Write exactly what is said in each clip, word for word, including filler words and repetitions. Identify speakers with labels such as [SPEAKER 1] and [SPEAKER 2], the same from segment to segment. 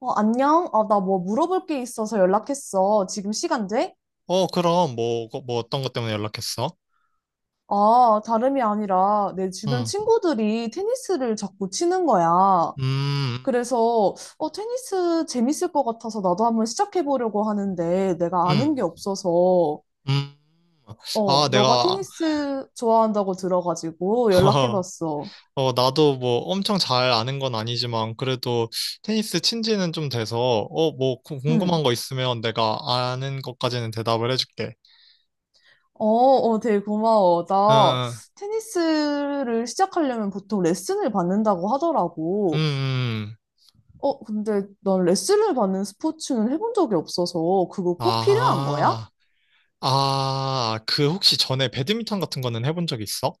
[SPEAKER 1] 어, 안녕? 아, 나 뭐 물어볼 게 있어서 연락했어. 지금 시간 돼?
[SPEAKER 2] 어, 그럼, 뭐, 거- 뭐 어떤 것 때문에 연락했어?
[SPEAKER 1] 아, 다름이 아니라 내 주변
[SPEAKER 2] 응,
[SPEAKER 1] 친구들이 테니스를 자꾸 치는 거야.
[SPEAKER 2] 음,
[SPEAKER 1] 그래서, 어, 테니스 재밌을 것 같아서 나도 한번 시작해보려고 하는데 내가 아는
[SPEAKER 2] 음,
[SPEAKER 1] 게 없어서,
[SPEAKER 2] 음. 음.
[SPEAKER 1] 어,
[SPEAKER 2] 아,
[SPEAKER 1] 너가
[SPEAKER 2] 내가,
[SPEAKER 1] 테니스 좋아한다고 들어가지고 연락해봤어.
[SPEAKER 2] 어, 나도 뭐 엄청 잘 아는 건 아니지만, 그래도 테니스 친 지는 좀 돼서, 어, 뭐 구-
[SPEAKER 1] 응.
[SPEAKER 2] 궁금한 거 있으면 내가 아는 것까지는 대답을 해줄게.
[SPEAKER 1] 어, 어, 되게 고마워. 나
[SPEAKER 2] 응,
[SPEAKER 1] 테니스를 시작하려면 보통 레슨을 받는다고
[SPEAKER 2] 응, 음,
[SPEAKER 1] 하더라고.
[SPEAKER 2] 음.
[SPEAKER 1] 어, 근데 난 레슨을 받는 스포츠는 해본 적이 없어서 그거 꼭 필요한 거야?
[SPEAKER 2] 아, 아, 그 혹시 전에 배드민턴 같은 거는 해본 적 있어?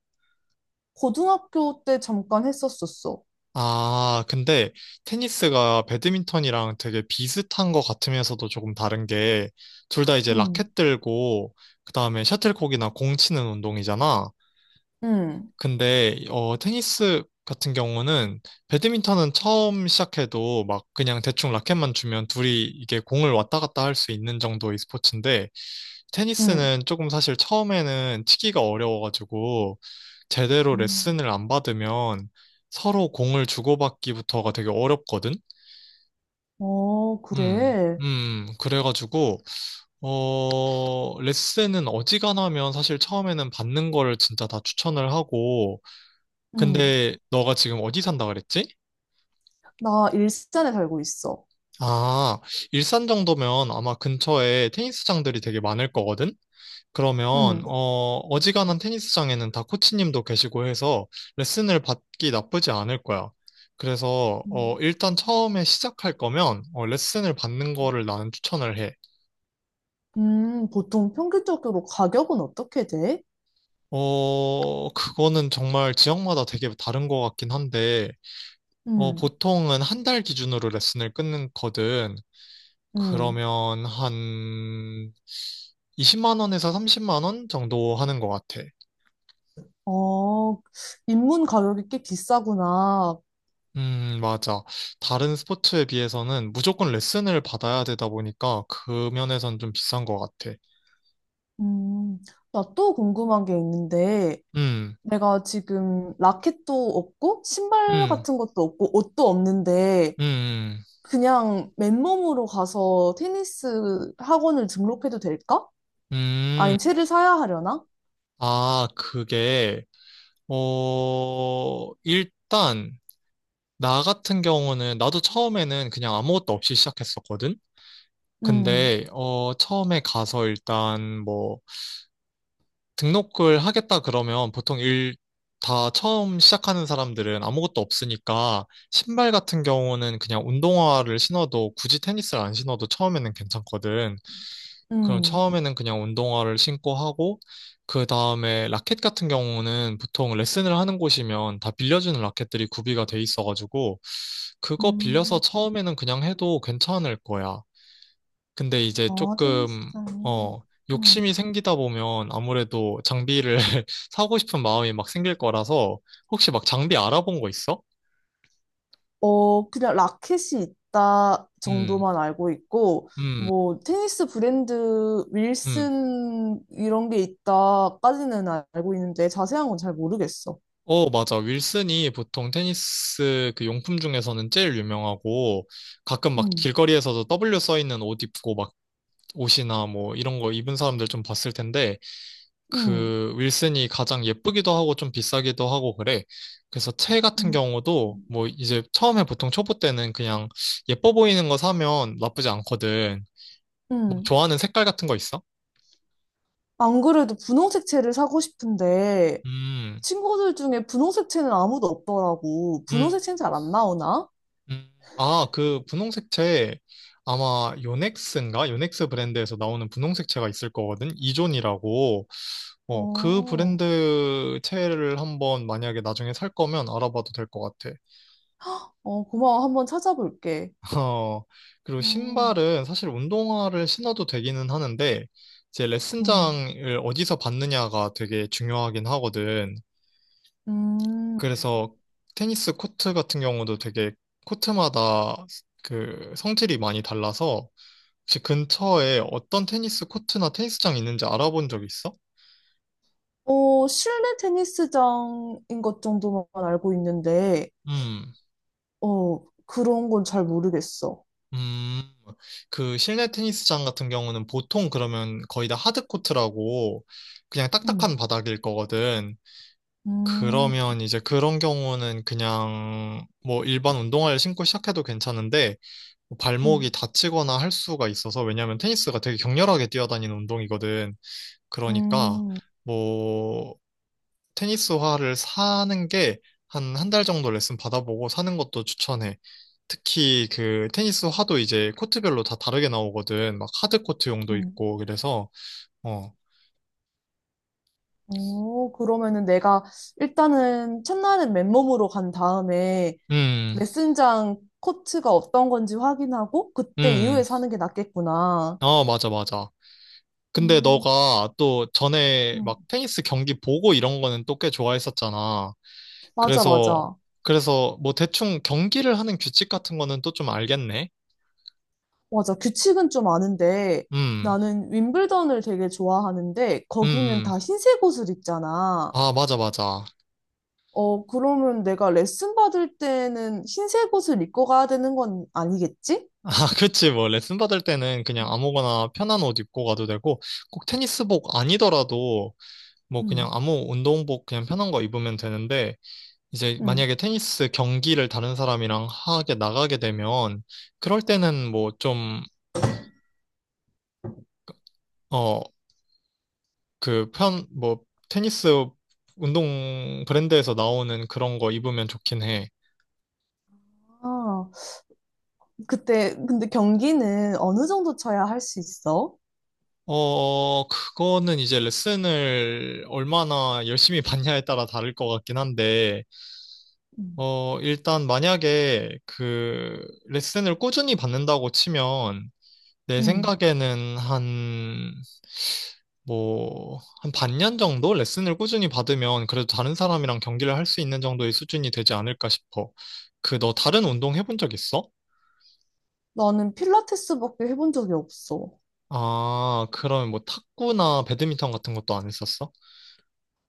[SPEAKER 1] 고등학교 때 잠깐 했었었어.
[SPEAKER 2] 아, 근데 테니스가 배드민턴이랑 되게 비슷한 것 같으면서도 조금 다른 게, 둘 다 이제
[SPEAKER 1] 응,
[SPEAKER 2] 라켓 들고, 그 다음에 셔틀콕이나 공 치는 운동이잖아.
[SPEAKER 1] 응,
[SPEAKER 2] 근데, 어, 테니스 같은 경우는, 배드민턴은 처음 시작해도 막 그냥 대충 라켓만 주면 둘이 이게 공을 왔다 갔다 할 수 있는 정도의 스포츠인데,
[SPEAKER 1] 응.
[SPEAKER 2] 테니스는 조금 사실 처음에는 치기가 어려워가지고 제대로
[SPEAKER 1] 음.
[SPEAKER 2] 레슨을 안 받으면 서로 공을 주고받기부터가 되게 어렵거든?
[SPEAKER 1] 어,
[SPEAKER 2] 음,
[SPEAKER 1] 그래.
[SPEAKER 2] 음, 그래가지고, 어, 레슨은 어지간하면 사실 처음에는 받는 거를 진짜 다 추천을 하고,
[SPEAKER 1] 응.
[SPEAKER 2] 근데 너가 지금 어디 산다 그랬지?
[SPEAKER 1] 나 일산에 살고 있어.
[SPEAKER 2] 아, 일산 정도면 아마 근처에 테니스장들이 되게 많을 거거든? 그러면
[SPEAKER 1] 응.
[SPEAKER 2] 어 어지간한 테니스장에는 다 코치님도 계시고 해서 레슨을 받기 나쁘지 않을 거야. 그래서 어
[SPEAKER 1] 음.
[SPEAKER 2] 일단 처음에 시작할 거면 어, 레슨을 받는 거를 나는 추천을 해.
[SPEAKER 1] 음, 보통 평균적으로 가격은 어떻게 돼?
[SPEAKER 2] 어 그거는 정말 지역마다 되게 다른 것 같긴 한데 어
[SPEAKER 1] 응
[SPEAKER 2] 보통은 한 달 기준으로 레슨을 끊거든.
[SPEAKER 1] 응
[SPEAKER 2] 그러면 한 이십만 원에서 삼십만 원 정도 하는 것 같아.
[SPEAKER 1] 어, 입문 가격이 꽤 비싸구나.
[SPEAKER 2] 음, 맞아. 다른 스포츠에 비해서는 무조건 레슨을 받아야 되다 보니까 그 면에선 좀 비싼 것 같아.
[SPEAKER 1] 음, 나 또 궁금한 게 있는데,
[SPEAKER 2] 음,
[SPEAKER 1] 내가 지금 라켓도 없고 신발
[SPEAKER 2] 음,
[SPEAKER 1] 같은 것도 없고 옷도 없는데
[SPEAKER 2] 음,
[SPEAKER 1] 그냥 맨몸으로 가서 테니스 학원을 등록해도 될까?
[SPEAKER 2] 음.
[SPEAKER 1] 아니면
[SPEAKER 2] 음.
[SPEAKER 1] 채를 사야 하려나?
[SPEAKER 2] 아, 그게, 어, 일단, 나 같은 경우는, 나도 처음에는 그냥 아무것도 없이 시작했었거든?
[SPEAKER 1] 음,
[SPEAKER 2] 근데, 어, 처음에 가서 일단 뭐, 등록을 하겠다 그러면 보통 일 다 처음 시작하는 사람들은 아무것도 없으니까 신발 같은 경우는 그냥 운동화를 신어도 굳이 테니스를 안 신어도 처음에는 괜찮거든. 그럼
[SPEAKER 1] 음,
[SPEAKER 2] 처음에는 그냥 운동화를 신고 하고 그 다음에 라켓 같은 경우는 보통 레슨을 하는 곳이면 다 빌려주는 라켓들이 구비가 돼 있어가지고 그거
[SPEAKER 1] 음.
[SPEAKER 2] 빌려서 처음에는 그냥 해도 괜찮을 거야. 근데 이제
[SPEAKER 1] 아,
[SPEAKER 2] 조금,
[SPEAKER 1] 테니스장.
[SPEAKER 2] 어, 욕심이
[SPEAKER 1] 음.
[SPEAKER 2] 생기다 보면 아무래도 장비를 사고 싶은 마음이 막 생길 거라서 혹시 막 장비 알아본 거 있어?
[SPEAKER 1] 어, 그냥 라켓이 있다
[SPEAKER 2] 음,
[SPEAKER 1] 정도만 알고 있고
[SPEAKER 2] 음,
[SPEAKER 1] 뭐 테니스 브랜드
[SPEAKER 2] 음.
[SPEAKER 1] 윌슨 이런 게 있다까지는 알고 있는데 자세한 건 잘 모르겠어.
[SPEAKER 2] 어, 맞아. 윌슨이 보통 테니스 그 용품 중에서는 제일 유명하고 가끔 막
[SPEAKER 1] 음.
[SPEAKER 2] 길거리에서도 W 써 있는 옷 입고 막 옷이나 뭐 이런 거 입은 사람들 좀 봤을 텐데
[SPEAKER 1] 음.
[SPEAKER 2] 그 윌슨이 가장 예쁘기도 하고 좀 비싸기도 하고 그래. 그래서 채 같은
[SPEAKER 1] 음.
[SPEAKER 2] 경우도 뭐 이제 처음에 보통 초보 때는 그냥 예뻐 보이는 거 사면 나쁘지 않거든. 뭐
[SPEAKER 1] 음.
[SPEAKER 2] 좋아하는 색깔 같은 거 있어?
[SPEAKER 1] 안 그래도 분홍색 채를 사고 싶은데
[SPEAKER 2] 음,
[SPEAKER 1] 친구들 중에 분홍색 채는 아무도 없더라고.
[SPEAKER 2] 음,
[SPEAKER 1] 분홍색 채는 잘 안 나오나?
[SPEAKER 2] 음. 아, 그 분홍색 채 아마 요넥스인가? 요넥스 브랜드에서 나오는 분홍색 채가 있을 거거든. 이존이라고. 어, 그
[SPEAKER 1] 어,
[SPEAKER 2] 브랜드 채를 한번 만약에 나중에 살 거면 알아봐도 될 것 같아.
[SPEAKER 1] 어, 고마워. 한번 찾아볼게.
[SPEAKER 2] 어, 그리고
[SPEAKER 1] 어,
[SPEAKER 2] 신발은 사실 운동화를 신어도 되기는 하는데, 이제
[SPEAKER 1] 음,
[SPEAKER 2] 레슨장을 어디서 받느냐가 되게 중요하긴 하거든.
[SPEAKER 1] 음.
[SPEAKER 2] 그래서 테니스 코트 같은 경우도 되게 코트마다 그 성질이 많이 달라서, 혹시 근처에 어떤 테니스 코트나 테니스장 있는지 알아본 적 있어?
[SPEAKER 1] 어, 실내 테니스장인 것 정도만 알고 있는데,
[SPEAKER 2] 음,
[SPEAKER 1] 어, 그런 건 잘 모르겠어.
[SPEAKER 2] 음, 그 실내 테니스장 같은 경우는 보통 그러면 거의 다 하드코트라고 그냥
[SPEAKER 1] 음,
[SPEAKER 2] 딱딱한 바닥일 거거든.
[SPEAKER 1] 음,
[SPEAKER 2] 그러면 이제 그런 경우는 그냥 뭐 일반 운동화를 신고 시작해도 괜찮은데 뭐 발목이
[SPEAKER 1] 음,
[SPEAKER 2] 다치거나 할 수가 있어서 왜냐면 테니스가 되게 격렬하게 뛰어다니는 운동이거든. 그러니까
[SPEAKER 1] 음,
[SPEAKER 2] 뭐 테니스화를 사는 게 한 한 달 정도 레슨 받아보고 사는 것도 추천해. 특히 그 테니스화도 이제 코트별로 다 다르게 나오거든. 막 하드 코트용도
[SPEAKER 1] 음.
[SPEAKER 2] 있고 그래서 어.
[SPEAKER 1] 오, 그러면은 내가 일단은 첫날은 맨몸으로 간 다음에
[SPEAKER 2] 음.
[SPEAKER 1] 레슨장 코트가 어떤 건지 확인하고 그때
[SPEAKER 2] 음.
[SPEAKER 1] 이후에 사는 게 낫겠구나.
[SPEAKER 2] 어, 맞아 맞아. 근데
[SPEAKER 1] 음,
[SPEAKER 2] 너가 또 전에
[SPEAKER 1] 음.
[SPEAKER 2] 막 테니스 경기 보고 이런 거는 또 꽤 좋아했었잖아.
[SPEAKER 1] 맞아,
[SPEAKER 2] 그래서,
[SPEAKER 1] 맞아.
[SPEAKER 2] 그래서 뭐 대충 경기를 하는 규칙 같은 거는 또 좀 알겠네.
[SPEAKER 1] 맞아. 규칙은 좀 아는데
[SPEAKER 2] 음,
[SPEAKER 1] 나는 윈블던을 되게 좋아하는데
[SPEAKER 2] 음,
[SPEAKER 1] 거기는
[SPEAKER 2] 음.
[SPEAKER 1] 다 흰색 옷을 입잖아.
[SPEAKER 2] 아, 맞아, 맞아.
[SPEAKER 1] 어, 그러면 내가 레슨 받을 때는 흰색 옷을 입고 가야 되는 건 아니겠지?
[SPEAKER 2] 아, 그치. 뭐 레슨 받을 때는 그냥 아무거나 편한 옷 입고 가도 되고, 꼭 테니스복 아니더라도 뭐 그냥
[SPEAKER 1] 음.
[SPEAKER 2] 아무 운동복 그냥 편한 거 입으면 되는데, 이제
[SPEAKER 1] 응.
[SPEAKER 2] 만약에 테니스 경기를 다른 사람이랑 하게 나가게 되면, 그럴 때는 뭐좀 그 편, 뭐, 테니스 운동 브랜드에서 나오는 그런 거 입으면 좋긴 해.
[SPEAKER 1] 아. 그때 근데 경기는 어느 정도 쳐야 할 수 있어?
[SPEAKER 2] 어, 그거는 이제 레슨을 얼마나 열심히 받냐에 따라 다를 것 같긴 한데,
[SPEAKER 1] 음.
[SPEAKER 2] 어, 일단 만약에 그 레슨을 꾸준히 받는다고 치면, 내
[SPEAKER 1] 음.
[SPEAKER 2] 생각에는 한, 뭐, 한 반년 정도 레슨을 꾸준히 받으면 그래도 다른 사람이랑 경기를 할 수 있는 정도의 수준이 되지 않을까 싶어. 그, 너 다른 운동 해본 적 있어?
[SPEAKER 1] 나는 필라테스밖에 해본 적이 없어.
[SPEAKER 2] 아, 그러면 뭐 탁구나 배드민턴 같은 것도 안 했었어?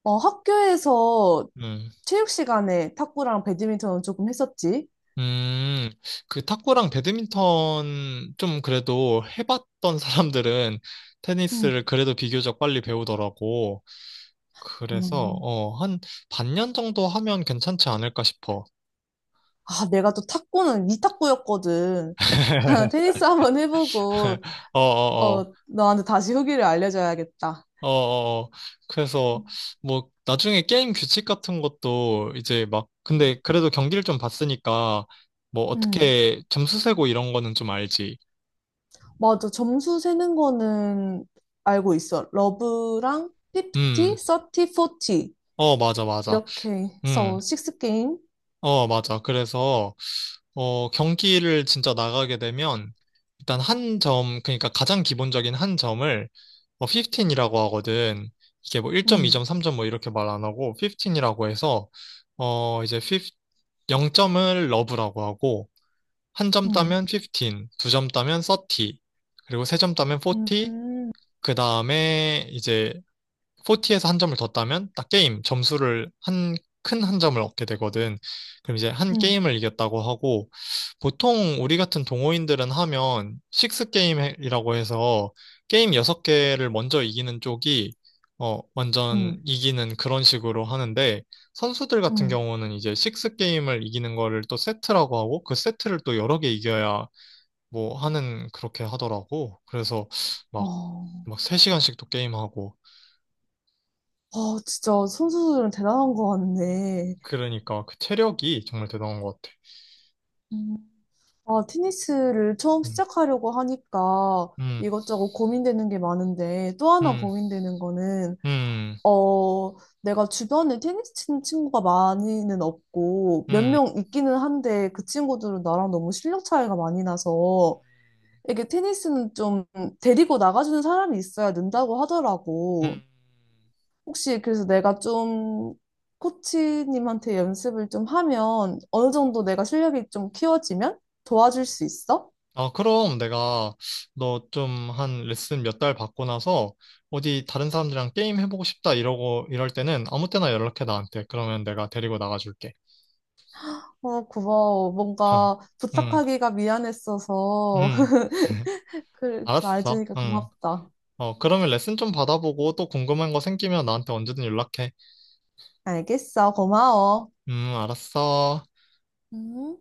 [SPEAKER 1] 어, 학교에서
[SPEAKER 2] 음.
[SPEAKER 1] 체육 시간에 탁구랑 배드민턴은 조금 했었지.
[SPEAKER 2] 음, 그 탁구랑 배드민턴 좀 그래도 해봤던 사람들은 테니스를
[SPEAKER 1] 음.
[SPEAKER 2] 그래도 비교적 빨리 배우더라고. 그래서,
[SPEAKER 1] 음.
[SPEAKER 2] 어, 한 반년 정도 하면 괜찮지 않을까 싶어.
[SPEAKER 1] 아, 내가 또 탁구는 위탁구였거든. 테니스 한번 해보고,
[SPEAKER 2] 어,
[SPEAKER 1] 어,
[SPEAKER 2] 어,
[SPEAKER 1] 너한테 다시 후기를 알려줘야겠다.
[SPEAKER 2] 어, 어, 어. 그래서 뭐 나중에 게임 규칙 같은 것도 이제 막
[SPEAKER 1] 음.
[SPEAKER 2] 근데 그래도 경기를 좀 봤으니까 뭐
[SPEAKER 1] 음.
[SPEAKER 2] 어떻게 점수 세고 이런 거는 좀 알지.
[SPEAKER 1] 맞아. 점수 세는 거는 알고 있어. 러브랑
[SPEAKER 2] 음,
[SPEAKER 1] 오십, 써티, 사십.
[SPEAKER 2] 어, 맞아, 맞아.
[SPEAKER 1] 이렇게
[SPEAKER 2] 음,
[SPEAKER 1] 해서 식스 게임.
[SPEAKER 2] 어, 맞아. 그래서 어, 경기를 진짜 나가게 되면 일단 한 점, 그러니까 가장 기본적인 한 점을 뭐 십오라고 하거든. 이게 뭐 일 점, 이 점,
[SPEAKER 1] 음,
[SPEAKER 2] 삼 점 뭐 이렇게 말 안 하고 십오라고 해서 어, 이제 십오, 영 점을 러브라고 하고 한 점
[SPEAKER 1] 음,
[SPEAKER 2] 따면 십오, 두 점 따면 삼십, 그리고 세 점 따면 사십,
[SPEAKER 1] 음,
[SPEAKER 2] 그 다음에 이제 포티에서 한 점을 더 따면 딱 게임 점수를 한 큰 한 점을 얻게 되거든. 그럼 이제 한
[SPEAKER 1] 음,
[SPEAKER 2] 게임을 이겼다고 하고 보통 우리 같은 동호인들은 하면 식스 게임이라고 해서 게임 여섯 개를 먼저 이기는 쪽이 어 완전
[SPEAKER 1] 음,
[SPEAKER 2] 이기는 그런 식으로 하는데 선수들 같은
[SPEAKER 1] 음.
[SPEAKER 2] 경우는 이제 식스 게임을 이기는 거를 또 세트라고 하고 그 세트를 또 여러 개 이겨야 뭐 하는 그렇게 하더라고. 그래서 막
[SPEAKER 1] 어,
[SPEAKER 2] 막 세 시간씩 또 게임하고
[SPEAKER 1] 아, 진짜 선수들은 대단한 것 같네.
[SPEAKER 2] 그러니까 그 체력이 정말 대단한 것 같아.
[SPEAKER 1] 음. 아, 테니스를 처음
[SPEAKER 2] 음,
[SPEAKER 1] 시작하려고 하니까
[SPEAKER 2] 음,
[SPEAKER 1] 이것저것 고민되는 게 많은데 또 하나
[SPEAKER 2] 음,
[SPEAKER 1] 고민되는 거는
[SPEAKER 2] 음,
[SPEAKER 1] 어, 내가 주변에 테니스 치는 친구가 많이는 없고
[SPEAKER 2] 음,
[SPEAKER 1] 몇
[SPEAKER 2] 음, 음.
[SPEAKER 1] 명 있기는 한데 그 친구들은 나랑 너무 실력 차이가 많이 나서 이게 테니스는 좀 데리고 나가주는 사람이 있어야 는다고 하더라고.
[SPEAKER 2] 음, 음.
[SPEAKER 1] 혹시 그래서 내가 좀 코치님한테 연습을 좀 하면 어느 정도 내가 실력이 좀 키워지면 도와줄 수 있어?
[SPEAKER 2] 아, 그럼 내가 너 좀 한 레슨 몇 달 받고 나서 어디 다른 사람들이랑 게임 해보고 싶다 이러고 이럴 때는 아무 때나 연락해 나한테. 그러면 내가 데리고 나가줄게.
[SPEAKER 1] 어, 고마워. 뭔가
[SPEAKER 2] 응,
[SPEAKER 1] 부탁하기가 미안했어서.
[SPEAKER 2] 응.
[SPEAKER 1] 그, 말
[SPEAKER 2] 알았어.
[SPEAKER 1] 주니까
[SPEAKER 2] 응.
[SPEAKER 1] 고맙다.
[SPEAKER 2] 어, 그러면 레슨 좀 받아보고 또 궁금한 거 생기면 나한테 언제든 연락해.
[SPEAKER 1] 알겠어. 고마워.
[SPEAKER 2] 음, 알았어.
[SPEAKER 1] 음.